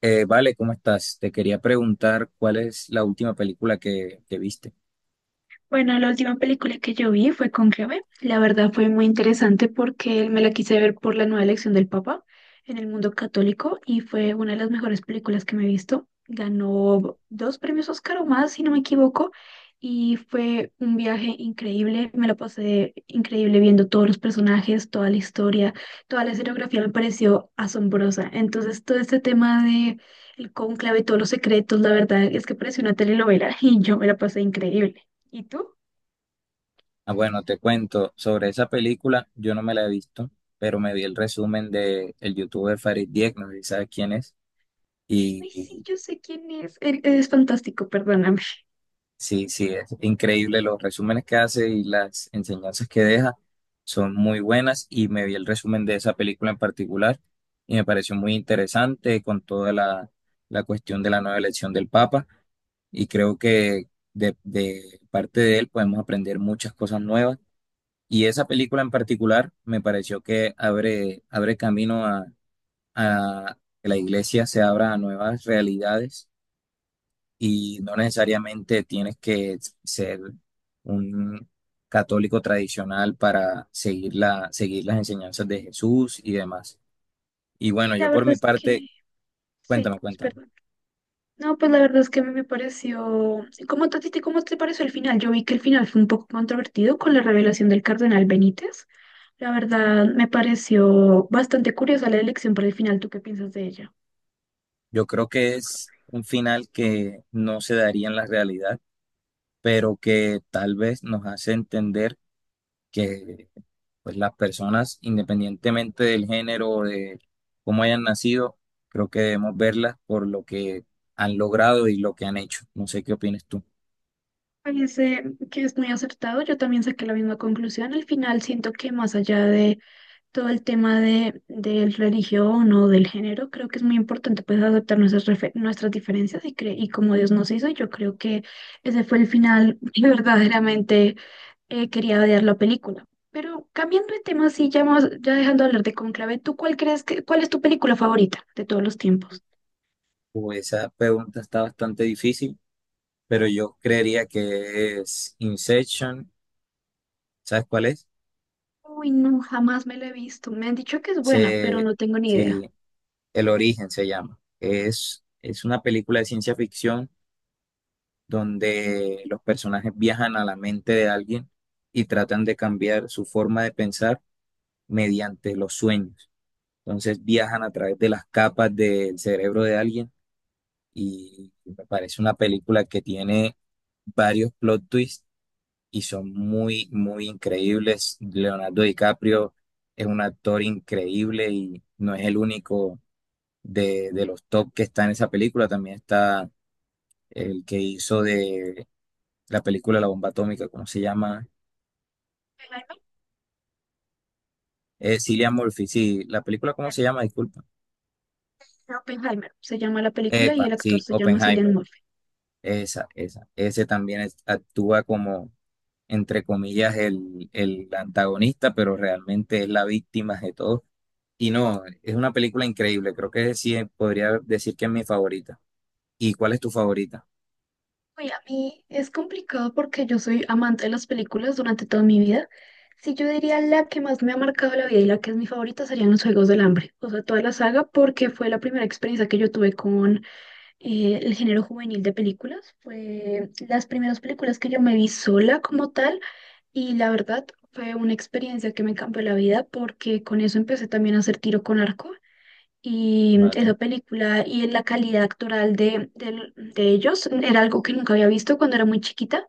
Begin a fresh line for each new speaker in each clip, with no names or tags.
Vale, ¿Cómo estás? Te quería preguntar cuál es la última película que viste.
Bueno, la última película que yo vi fue Cónclave. La verdad fue muy interesante porque me la quise ver por la nueva elección del Papa en el mundo católico y fue una de las mejores películas que me he visto. Ganó dos premios Oscar o más, si no me equivoco, y fue un viaje increíble. Me la pasé increíble viendo todos los personajes, toda la historia, toda la escenografía me pareció asombrosa. Entonces, todo este tema de el cónclave, todos los secretos, la verdad es que pareció una telenovela y yo me la pasé increíble. ¿Y tú?
Ah, bueno, te cuento sobre esa película. Yo no me la he visto, pero me vi el resumen de el youtuber Farid Dieck, no sé si sabes quién es. Y,
Ay, sí,
y
yo sé quién es. Él es fantástico, perdóname. Sí,
sí, sí, es increíble los resúmenes que hace y las enseñanzas que deja son muy buenas. Y me vi el resumen de esa película en particular y me pareció muy interesante con la cuestión de la nueva elección del Papa. Y creo que de parte de él podemos aprender muchas cosas nuevas. Y esa película en particular me pareció que abre camino a que la iglesia se abra a nuevas realidades y no necesariamente tienes que ser un católico tradicional para seguir seguir las enseñanzas de Jesús y demás. Y bueno, yo
la
por
verdad
mi
es que
parte,
sí,
cuéntame,
pues,
cuéntame.
perdón. No, pues la verdad es que a mí me pareció. ¿Cómo te, a ti te- cómo te pareció el final? Yo vi que el final fue un poco controvertido con la revelación del cardenal Benítez. La verdad me pareció bastante curiosa la elección para el final. ¿Tú qué piensas de ella?
Yo creo que es un final que no se daría en la realidad pero que tal vez nos hace entender que pues, las personas, independientemente del género o de cómo hayan nacido, creo que debemos verlas por lo que han logrado y lo que han hecho. No sé qué opinas tú.
Me parece que es muy acertado. Yo también saqué la misma conclusión. Al final siento que más allá de todo el tema del religión o del género, creo que es muy importante pues aceptar nuestras diferencias y, y como Dios nos hizo, yo creo que ese fue el final que verdaderamente quería odiar la película. Pero cambiando de tema, sí, ya, ya dejando de hablar de Conclave, ¿tú cuál crees que, cuál es tu película favorita de todos los tiempos?
Pues esa pregunta está bastante difícil, pero yo creería que es Inception, ¿sabes cuál es?
Uy, no, jamás me la he visto. Me han dicho que es buena, pero
Se,
no tengo ni idea.
sí, El origen se llama. Es una película de ciencia ficción donde los personajes viajan a la mente de alguien y tratan de cambiar su forma de pensar mediante los sueños. Entonces viajan a través de las capas del cerebro de alguien y me parece una película que tiene varios plot twists y son muy increíbles. Leonardo DiCaprio es un actor increíble y no es el único de los top que está en esa película. También está el que hizo de la película La Bomba Atómica, ¿cómo se llama?
Oppenheimer,
Cillian Murphy, sí, la película, ¿cómo se llama? Disculpa.
Oppenheimer se llama la película y
Epa,
el actor
sí,
se llama Cillian
Oppenheimer,
Murphy.
esa. Ese también es- actúa entre comillas, el antagonista, pero realmente es la víctima de todo. Y no, es una película increíble, creo que sí, podría decir que es mi favorita. ¿Y cuál es tu favorita?
Uy, a mí es complicado porque yo soy amante de las películas durante toda mi vida. Si yo diría la que más me ha marcado la vida y la que es mi favorita serían Los Juegos del Hambre, o sea, toda la saga, porque fue la primera experiencia que yo tuve con el género juvenil de películas. Fue las primeras películas que yo me vi sola como tal y la verdad fue una experiencia que me cambió la vida porque con eso empecé también a hacer tiro con arco y
Vale,
esa película y en la calidad actoral de, del- de ellos era algo que nunca había visto cuando era muy chiquita.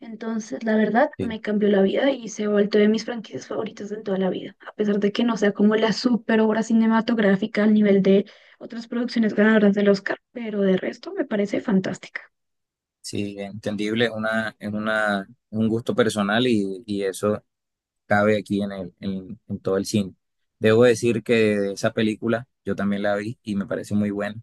Entonces, la verdad,
sí.
me cambió la vida y se ha vuelto de mis franquicias favoritas en toda la vida. A pesar de que no sea como la super obra cinematográfica al nivel de otras producciones ganadoras del Oscar, pero de resto me parece fantástica.
Sí, entendible, es un gusto personal y eso cabe aquí en en todo el cine. Debo decir que de esa película yo también la vi y me pareció muy buena.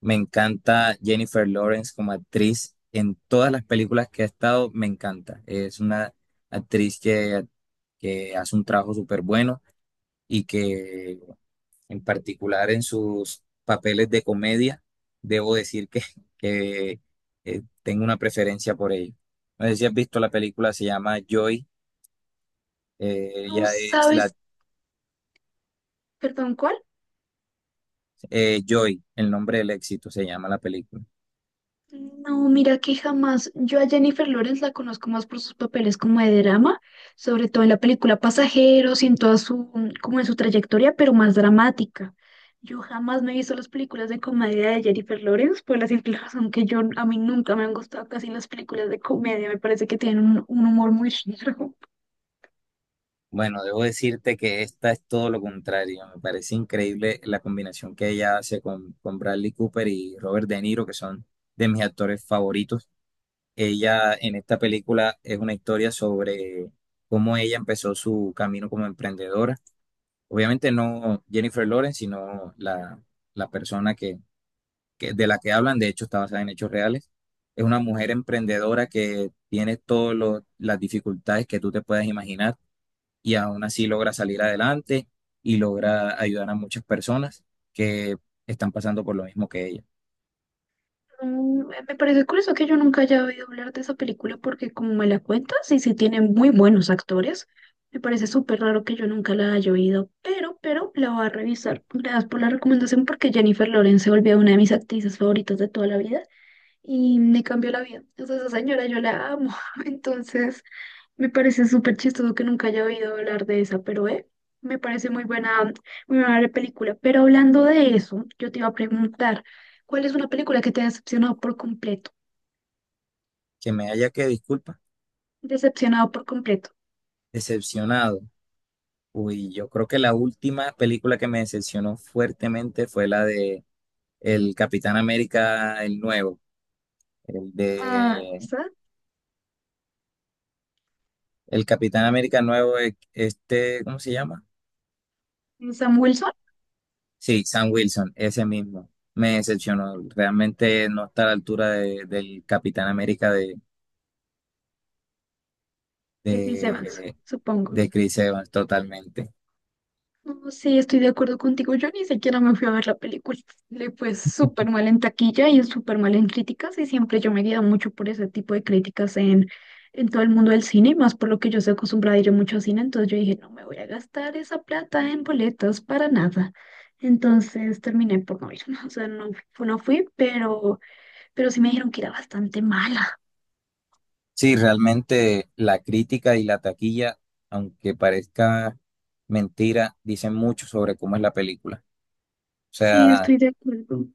Me encanta Jennifer Lawrence como actriz. En todas las películas que ha estado, me encanta. Es una actriz que, que hace un trabajo súper bueno y que en particular en sus papeles de comedia, debo decir que, que tengo una preferencia por ella. No sé si has visto la película, se llama Joy.
¿No
Ella es la
sabes, perdón, cuál?
Joy, el nombre del éxito, se llama la película.
No, mira que jamás. Yo a Jennifer Lawrence la conozco más por sus papeles como de drama, sobre todo en la película Pasajeros y en toda su, como en su trayectoria, pero más dramática. Yo jamás me he visto las películas de comedia de Jennifer Lawrence por la simple razón que yo a mí nunca me han gustado casi las películas de comedia. Me parece que tienen un humor muy raro.
Bueno, debo decirte que esta es todo lo contrario. Me parece increíble la combinación que ella hace con Bradley Cooper y Robert De Niro, que son de mis actores favoritos. Ella en esta película es una historia sobre cómo ella empezó su camino como emprendedora. Obviamente no Jennifer Lawrence, sino la persona de la que hablan, de hecho está basada en hechos reales. Es una mujer emprendedora que tiene todas las dificultades que tú te puedas imaginar y aún así logra salir adelante y logra ayudar a muchas personas que están pasando por lo mismo que ella.
Me parece curioso que yo nunca haya oído hablar de esa película porque como me la cuentas y sí tiene muy buenos actores, me parece súper raro que yo nunca la haya oído, pero la voy a revisar. Gracias por la recomendación porque Jennifer Lawrence se volvió una de mis actrices favoritas de toda la vida y me cambió la vida. O sea, esa señora yo la amo, entonces me parece súper chistoso que nunca haya oído hablar de esa, pero me parece muy buena película. Pero hablando de eso, yo te iba a preguntar, ¿cuál es una película que te ha decepcionado por completo?
Que me haya que disculpa,
Decepcionado por completo.
decepcionado. Uy, yo creo que la última película que me decepcionó fuertemente fue la de El Capitán América, el nuevo, el
Ah,
de
¿esa?
El Capitán América nuevo, ¿cómo se llama?
Sam Wilson
Sí, Sam Wilson, ese mismo. Me decepcionó. Realmente no está a la altura de- del Capitán América
de Chris Evans,
de,
supongo.
de Chris Evans totalmente.
No, sí, estoy de acuerdo contigo. Yo ni siquiera me fui a ver la película. Le fue súper mal en taquilla y súper mal en críticas y siempre yo me guío mucho por ese tipo de críticas en todo el mundo del cine, y más por lo que yo soy acostumbrada a ir mucho al cine, entonces yo dije, no me voy a gastar esa plata en boletas para nada. Entonces terminé por no ir, o sea, no, no fui, pero sí me dijeron que era bastante mala.
Sí, realmente la crítica y la taquilla, aunque parezca mentira, dicen mucho sobre cómo es la película. O
Sí,
sea,
estoy de acuerdo.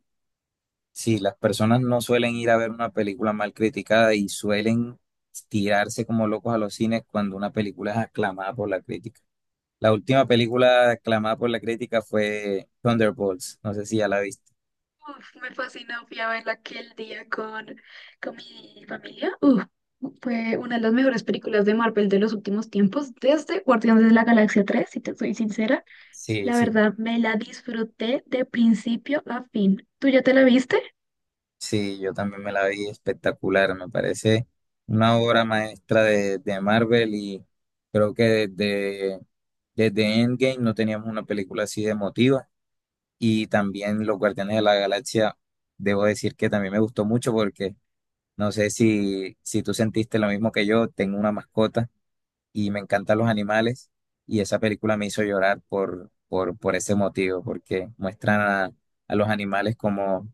sí, las personas no suelen ir a ver una película mal criticada y suelen tirarse como locos a los cines cuando una película es aclamada por la crítica. La última película aclamada por la crítica fue Thunderbolts. No sé si ya la viste.
Uf, me fascinó, fui a verla aquel día con mi familia. Uf, fue una de las mejores películas de Marvel de los últimos tiempos, desde Guardianes de la Galaxia 3 si te soy sincera.
Sí,
La
sí,
verdad, me la disfruté de principio a fin. ¿Tú ya te la viste?
sí, yo también me la vi espectacular. Me parece una obra maestra de Marvel y creo que desde Endgame no teníamos una película así de emotiva. Y también Los Guardianes de la Galaxia, debo decir que también me gustó mucho porque no sé si tú sentiste lo mismo que yo, tengo una mascota y me encantan los animales y esa película me hizo llorar por ese motivo, porque muestran a los animales como,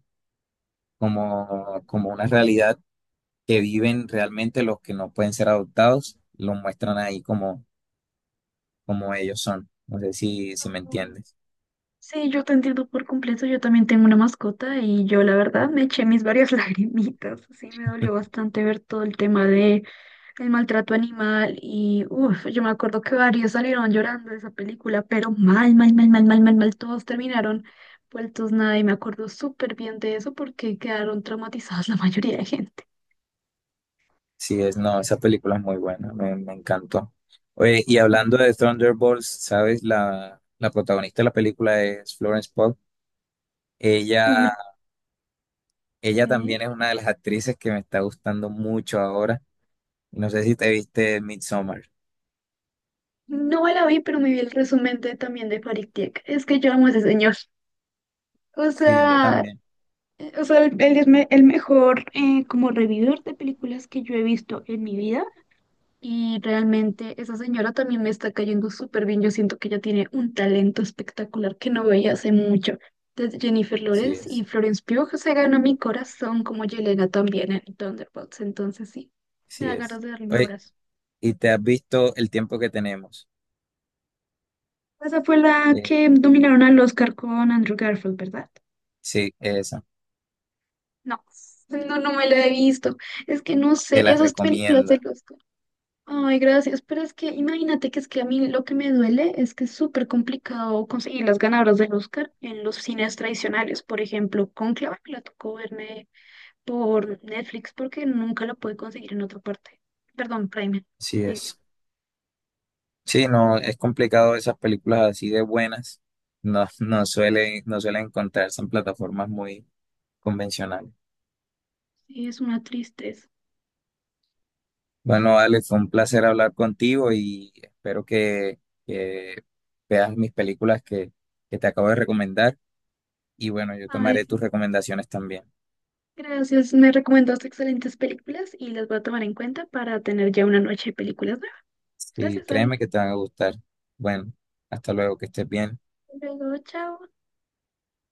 como, como una realidad que viven realmente los que no pueden ser adoptados, los muestran ahí como, como ellos son. No sé si me entiendes.
Sí, yo te entiendo por completo. Yo también tengo una mascota y yo la verdad me eché mis varias lagrimitas. Sí, me dolió bastante ver todo el tema de el maltrato animal y uff, yo me acuerdo que varios salieron llorando de esa película, pero mal, mal, mal, mal, mal, mal, mal, todos terminaron vueltos nada y me acuerdo súper bien de eso porque quedaron traumatizadas la mayoría de gente.
Sí, es, no, esa película es muy buena, me encantó. Oye, y hablando de Thunderbolts, ¿sabes? La protagonista de la película es Florence Pugh. Ella
Uy,
Ella
sí.
también es una de las actrices que me está gustando mucho ahora. No sé si te viste Midsommar.
No me la vi, pero me vi el resumen de, también de Farid Dieck. Es que yo amo a ese señor. O
Sí, yo
sea,
también.
O sea, él es el mejor como revividor de películas que yo he visto en mi vida y realmente esa señora también me está cayendo súper bien. Yo siento que ella tiene un talento espectacular que no veía hace mucho. Desde Jennifer
Sí
Lawrence y
es,
Florence Pugh se ganó mi corazón como Yelena también en Thunderbolts. Entonces sí, me
sí
da
es.
ganas de darle un
Oye,
abrazo.
¿y te has visto El tiempo que tenemos?
Esa fue la
Eh,
que dominaron al Oscar con Andrew Garfield, ¿verdad?
sí, esa.
No, no, no me la he visto. Es que no
Te
sé,
la
esas películas de
recomiendo.
Oscar. Ay, gracias, pero es que imagínate que es que a mí lo que me duele es que es súper complicado conseguir las ganadoras del Oscar en los cines tradicionales. Por ejemplo, Cónclave me la tocó verme por Netflix porque nunca la pude conseguir en otra parte. Perdón, Prime
Sí
Video.
es. Sí, no, es complicado esas películas así de buenas. No suelen encontrarse en plataformas muy convencionales.
Sí, es una tristeza.
Bueno, Ale, fue un placer hablar contigo y espero que veas mis películas que te acabo de recomendar. Y bueno, yo
Ay,
tomaré tus
sí.
recomendaciones también.
Gracias, me recomendaste excelentes películas y las voy a tomar en cuenta para tener ya una noche de películas nuevas.
Sí,
Gracias, David.
créeme que te van a gustar. Bueno, hasta luego, que estés bien.
Hasta luego, chao.